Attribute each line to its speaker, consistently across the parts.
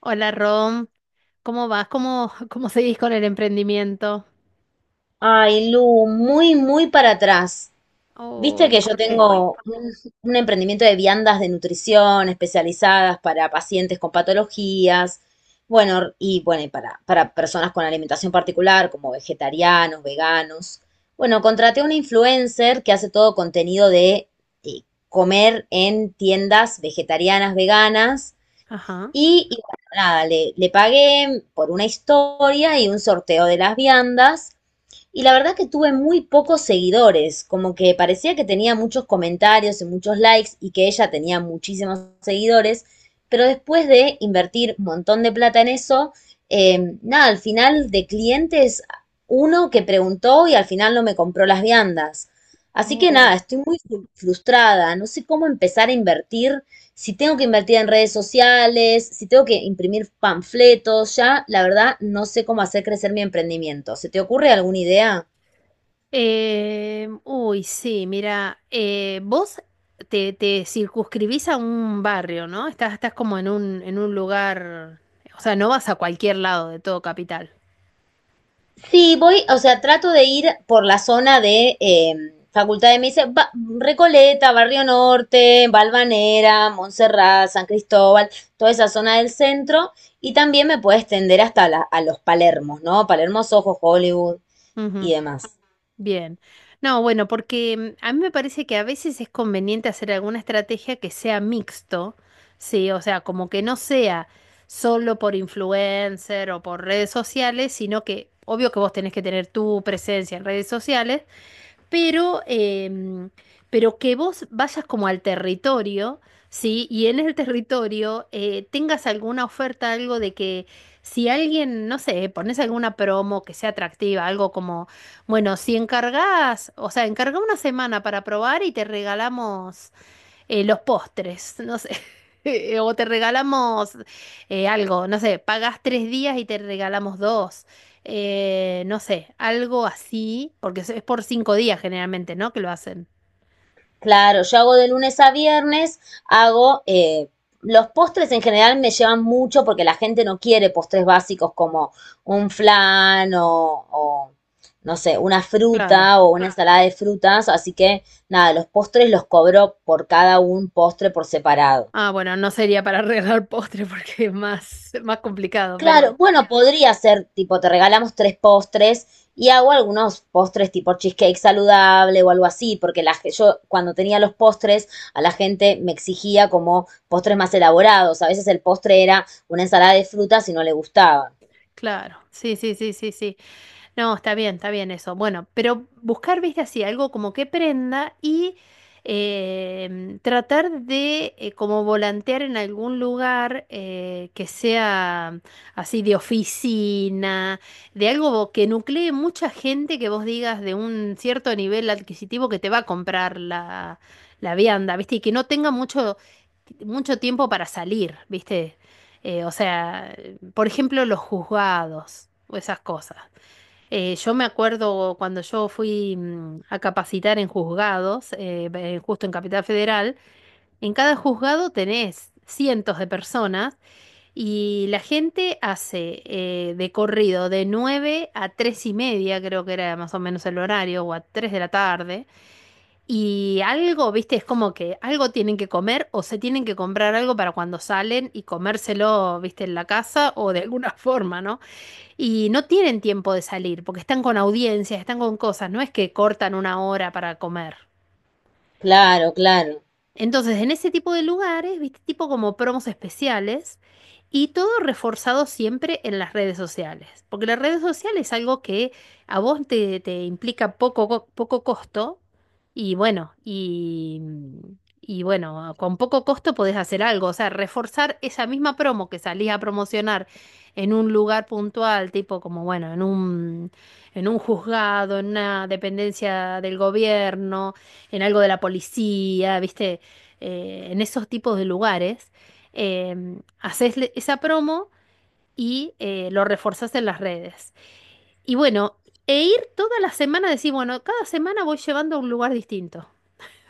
Speaker 1: Hola Rom, ¿cómo vas? ¿Cómo seguís con el emprendimiento?
Speaker 2: Ay, Lu, muy, muy para atrás. Viste
Speaker 1: Uy,
Speaker 2: que yo
Speaker 1: ¿por qué?
Speaker 2: tengo un emprendimiento de viandas de nutrición especializadas para pacientes con patologías, bueno, y bueno, y para personas con alimentación particular, como vegetarianos, veganos. Bueno, contraté a una influencer que hace todo contenido de eh, comer en tiendas vegetarianas, veganas,
Speaker 1: Ajá.
Speaker 2: y bueno, nada, le pagué por una historia y un sorteo de las viandas. Y la verdad que tuve muy pocos seguidores, como que parecía que tenía muchos comentarios y muchos likes y que ella tenía muchísimos seguidores, pero después de invertir un montón de plata en eso, nada, al final de clientes, uno que preguntó y al final no me compró las viandas. Así que
Speaker 1: Oh.
Speaker 2: nada, estoy muy frustrada, no sé cómo empezar a invertir si tengo que invertir en redes sociales, si tengo que imprimir panfletos, ya la verdad no sé cómo hacer crecer mi emprendimiento. ¿Se te ocurre alguna idea?
Speaker 1: Uy, sí, mira, vos te circunscribís a un barrio, ¿no? Estás como en un lugar, o sea, no vas a cualquier lado de todo capital.
Speaker 2: Sí, voy, o sea, trato de ir por la zona de Facultad de Medicina, Recoleta, Barrio Norte, Valvanera, Montserrat, San Cristóbal, toda esa zona del centro. Y también me puedo extender hasta a los Palermos, ¿no? Palermos, Ojos, Hollywood y
Speaker 1: Ujú.
Speaker 2: demás.
Speaker 1: Bien. No, bueno, porque a mí me parece que a veces es conveniente hacer alguna estrategia que sea mixto, sí, o sea, como que no sea solo por influencer o por redes sociales, sino que obvio que vos tenés que tener tu presencia en redes sociales, pero, em, pero que vos vayas como al territorio, ¿sí? Y en el territorio tengas alguna oferta, algo de que si alguien, no sé, pones alguna promo que sea atractiva, algo como, bueno, si encargás, o sea, encarga una semana para probar y te regalamos los postres, no sé. O te regalamos algo, no sé, pagas 3 días y te regalamos dos. No sé, algo así, porque es por 5 días generalmente, ¿no? Que lo hacen.
Speaker 2: Claro, yo hago de lunes a viernes, hago, los postres en general me llevan mucho porque la gente no quiere postres básicos como un flan o, no sé, una
Speaker 1: Claro.
Speaker 2: fruta o una ensalada de frutas, así que nada, los postres los cobro por cada un postre por separado.
Speaker 1: Ah, bueno, no sería para regalar postre porque es más complicado, pero
Speaker 2: Claro, bueno, podría ser tipo, te regalamos tres postres y hago algunos postres tipo cheesecake saludable o algo así, porque yo cuando tenía los postres a la gente me exigía como postres más elaborados. A veces el postre era una ensalada de frutas y no le gustaba.
Speaker 1: claro. Sí, sí, sí, sí, sí. No, está bien eso. Bueno, pero buscar, viste, así, algo como que prenda y tratar de como volantear en algún lugar que sea así de oficina, de algo que nuclee mucha gente que vos digas de un cierto nivel adquisitivo que te va a comprar la vianda, viste, y que no tenga mucho, mucho tiempo para salir, viste. O sea, por ejemplo, los juzgados o esas cosas. Yo me acuerdo cuando yo fui a capacitar en juzgados, justo en Capital Federal, en cada juzgado tenés cientos de personas y la gente hace de corrido de 9 a 3:30, creo que era más o menos el horario, o a 3 de la tarde, y algo, viste, es como que algo tienen que comer o se tienen que comprar algo para cuando salen y comérselo, viste, en la casa o de alguna forma, ¿no? Y no tienen tiempo de salir porque están con audiencias, están con cosas, no es que cortan 1 hora para comer. En
Speaker 2: Claro, claro.
Speaker 1: entonces, en ese tipo de lugares, viste, tipo como promos especiales y todo reforzado siempre en las redes sociales, porque las redes sociales es algo que a vos te implica poco, poco costo y bueno, y, y bueno, con poco costo podés hacer algo, o sea, reforzar esa misma promo que salís a promocionar en un lugar puntual, tipo como bueno, en un juzgado, en una dependencia del gobierno, en algo de la policía, ¿viste? En esos tipos de lugares, haces esa promo y lo reforzás en las redes. Y bueno, e ir toda la semana, decir, bueno, cada semana voy llevando a un lugar distinto.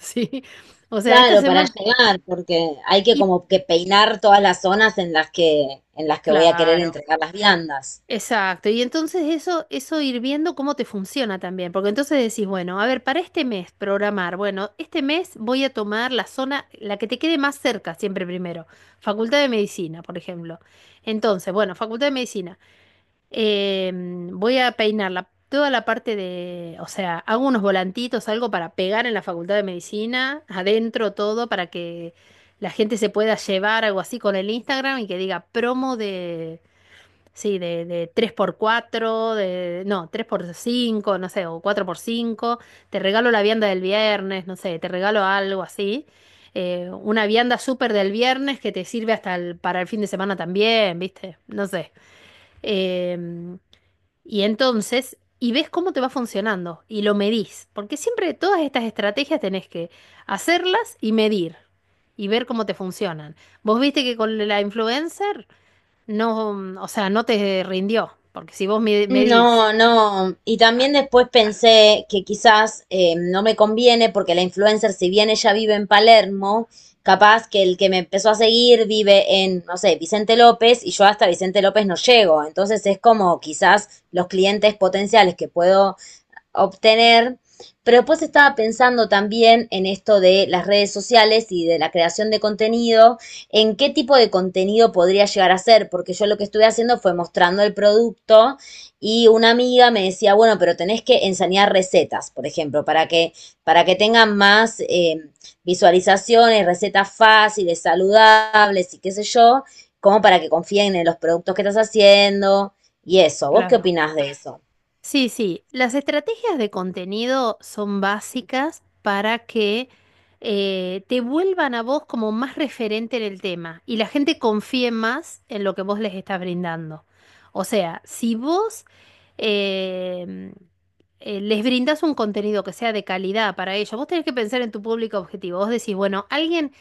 Speaker 1: Sí, o sea, esta
Speaker 2: Claro, para
Speaker 1: semana.
Speaker 2: llegar, porque hay que
Speaker 1: Y
Speaker 2: como que peinar todas las zonas en las que voy a querer
Speaker 1: claro,
Speaker 2: entregar las viandas.
Speaker 1: exacto, y entonces eso ir viendo cómo te funciona también, porque entonces decís, bueno, a ver, para este mes programar, bueno, este mes voy a tomar la zona, la que te quede más cerca siempre primero, Facultad de Medicina, por ejemplo. Entonces, bueno, Facultad de Medicina, eh, voy a peinar toda la parte de, o sea, hago unos volantitos, algo para pegar en la Facultad de Medicina, adentro todo, para que la gente se pueda llevar algo así con el Instagram y que diga promo de, sí, de tres por cuatro, de, no, tres por cinco, no sé, o cuatro por cinco. Te regalo la vianda del viernes, no sé, te regalo algo así. Una vianda súper del viernes que te sirve hasta para el fin de semana también, ¿viste? No sé. Em, y entonces, y ves cómo te va funcionando y lo medís. Porque siempre todas estas estrategias tenés que hacerlas y medir y ver cómo te funcionan. ¿Vos viste que con la influencer? No, o sea, no te rindió, porque si vos medís,
Speaker 2: No, no. Y también después pensé que quizás no me conviene porque la influencer, si bien ella vive en Palermo, capaz que el que me empezó a seguir vive en, no sé, Vicente López y yo hasta Vicente López no llego. Entonces es como quizás los clientes potenciales que puedo obtener. Pero después estaba pensando también en esto de las redes sociales y de la creación de contenido, en qué tipo de contenido podría llegar a ser, porque yo lo que estuve haciendo fue mostrando el producto y una amiga me decía, bueno, pero tenés que enseñar recetas, por ejemplo, para que tengan más visualizaciones, recetas fáciles, saludables y qué sé yo, como para que confíen en los productos que estás haciendo y eso. ¿Vos qué
Speaker 1: claro.
Speaker 2: opinás de eso?
Speaker 1: Sí, sí, las estrategias de contenido son básicas para que te vuelvan a vos como más referente en el tema y la gente confíe más en lo que vos les estás brindando. O sea, si vos eh, les brindás un contenido que sea de calidad para ellos, vos tenés que pensar en tu público objetivo. Vos decís, bueno, alguien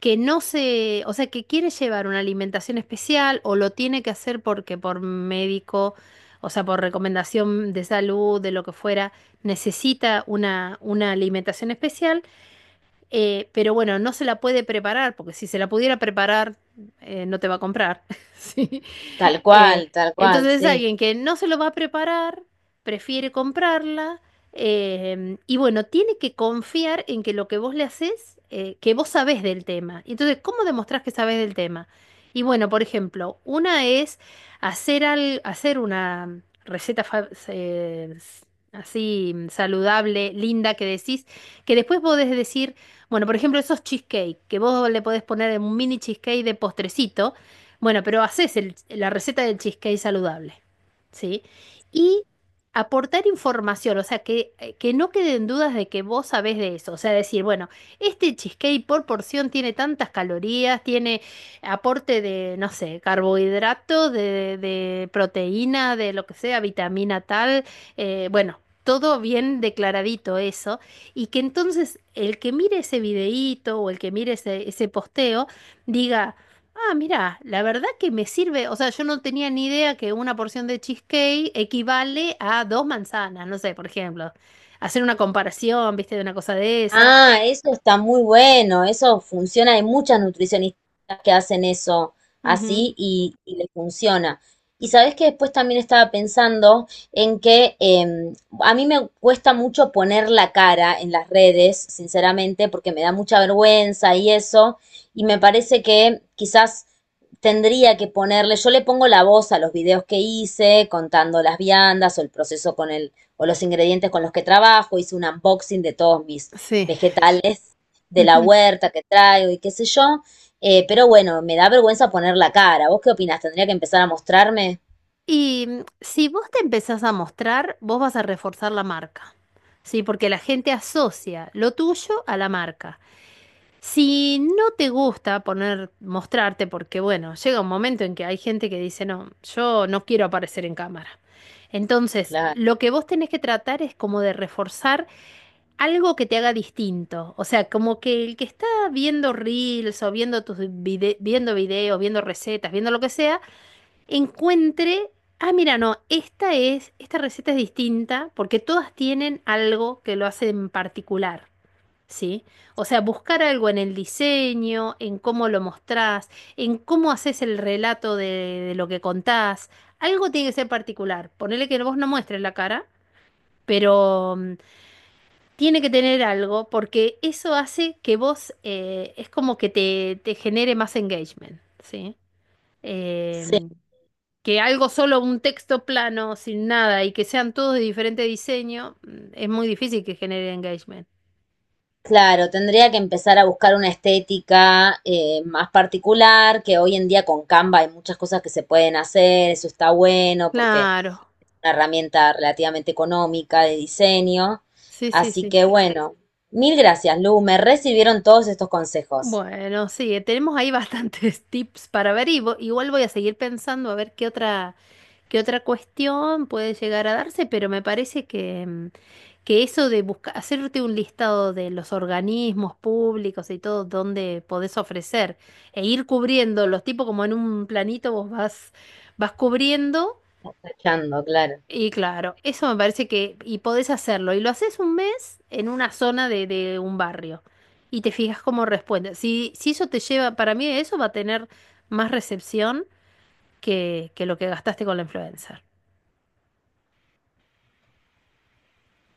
Speaker 1: que no se, o sea, que quiere llevar una alimentación especial o lo tiene que hacer porque por médico, o sea, por recomendación de salud, de lo que fuera, necesita una alimentación especial, pero bueno, no se la puede preparar, porque si se la pudiera preparar, no te va a comprar. ¿Sí? Eh,
Speaker 2: Tal cual,
Speaker 1: entonces,
Speaker 2: sí.
Speaker 1: alguien que no se lo va a preparar, prefiere comprarla. Y bueno, tiene que confiar en que lo que vos le haces, que vos sabés del tema. Y entonces, ¿cómo demostrás que sabés del tema? Y bueno, por ejemplo, una es hacer una receta así saludable, linda, que decís, que después podés decir. Bueno, por ejemplo, esos cheesecake, que vos le podés poner un mini cheesecake de postrecito. Bueno, pero haces la receta del cheesecake saludable, ¿sí? Y aportar información, o sea, que no queden dudas de que vos sabés de eso. O sea, decir, bueno, este cheesecake por porción tiene tantas calorías, tiene aporte de, no sé, carbohidratos, de proteína, de lo que sea, vitamina tal. Bueno todo bien declaradito eso y que entonces el que mire ese videíto o el que mire ese posteo diga, ah, mira, la verdad que me sirve, o sea, yo no tenía ni idea que una porción de cheesecake equivale a dos manzanas, no sé, por ejemplo, hacer una comparación, viste, de una cosa de esa.
Speaker 2: Ah, eso está muy bueno, eso funciona, hay muchas nutricionistas que hacen eso
Speaker 1: Ujú.
Speaker 2: así y les funciona. Y sabés que después también estaba pensando en que a mí me cuesta mucho poner la cara en las redes, sinceramente, porque me da mucha vergüenza y eso, y me parece que quizás tendría que ponerle, yo le pongo la voz a los videos que hice, contando las viandas o el proceso con el, o los ingredientes con los que trabajo, hice un unboxing de todos mis
Speaker 1: Sí.
Speaker 2: vegetales de la
Speaker 1: Ujú.
Speaker 2: huerta que traigo y qué sé yo, pero bueno, me da vergüenza poner la cara. ¿Vos qué opinás? ¿Tendría que empezar a mostrarme?
Speaker 1: Y si vos te empezás a mostrar, vos vas a reforzar la marca, ¿sí? Porque la gente asocia lo tuyo a la marca. Si no te gusta poner, mostrarte, porque bueno, llega un momento en que hay gente que dice, no, yo no quiero aparecer en cámara. Entonces,
Speaker 2: Claro.
Speaker 1: lo que vos tenés que tratar es como de reforzar algo que te haga distinto. O sea, como que el que está viendo reels o viendo tus viendo videos, viendo recetas, viendo lo que sea, encuentre, ah, mira, no, esta receta es distinta porque todas tienen algo que lo hace en particular. ¿Sí? O sea, buscar algo en el diseño, en cómo lo mostrás, en cómo haces el relato de lo que contás. Algo tiene que ser particular. Ponele que vos no muestres la cara, pero tiene que tener algo porque eso hace que vos es como que te genere más engagement, ¿sí?
Speaker 2: Sí,
Speaker 1: Eh, Que algo solo un texto plano, sin nada, y que sean todos de diferente diseño, es muy difícil que genere engagement.
Speaker 2: claro, tendría que empezar a buscar una estética más particular, que hoy en día con Canva hay muchas cosas que se pueden hacer, eso está bueno, porque
Speaker 1: Claro,
Speaker 2: una herramienta relativamente económica de diseño.
Speaker 1: sí, sí,
Speaker 2: Así
Speaker 1: sí.
Speaker 2: que bueno, mil gracias, Lu. Me recibieron todos estos consejos.
Speaker 1: Bueno, sí, tenemos ahí bastantes tips para ver y igual voy a seguir pensando a ver qué otra, cuestión puede llegar a darse, pero me parece que, que eso de buscar, hacerte un listado de los organismos públicos y todo donde podés ofrecer e ir cubriendo los tipos como en un planito vos vas cubriendo.
Speaker 2: Escuchando, claro.
Speaker 1: Y claro, eso me parece que, y podés hacerlo, y lo haces 1 mes en una zona de un barrio, y te fijas cómo responde. Si eso te lleva, para mí eso va a tener más recepción que lo que gastaste con la influencer.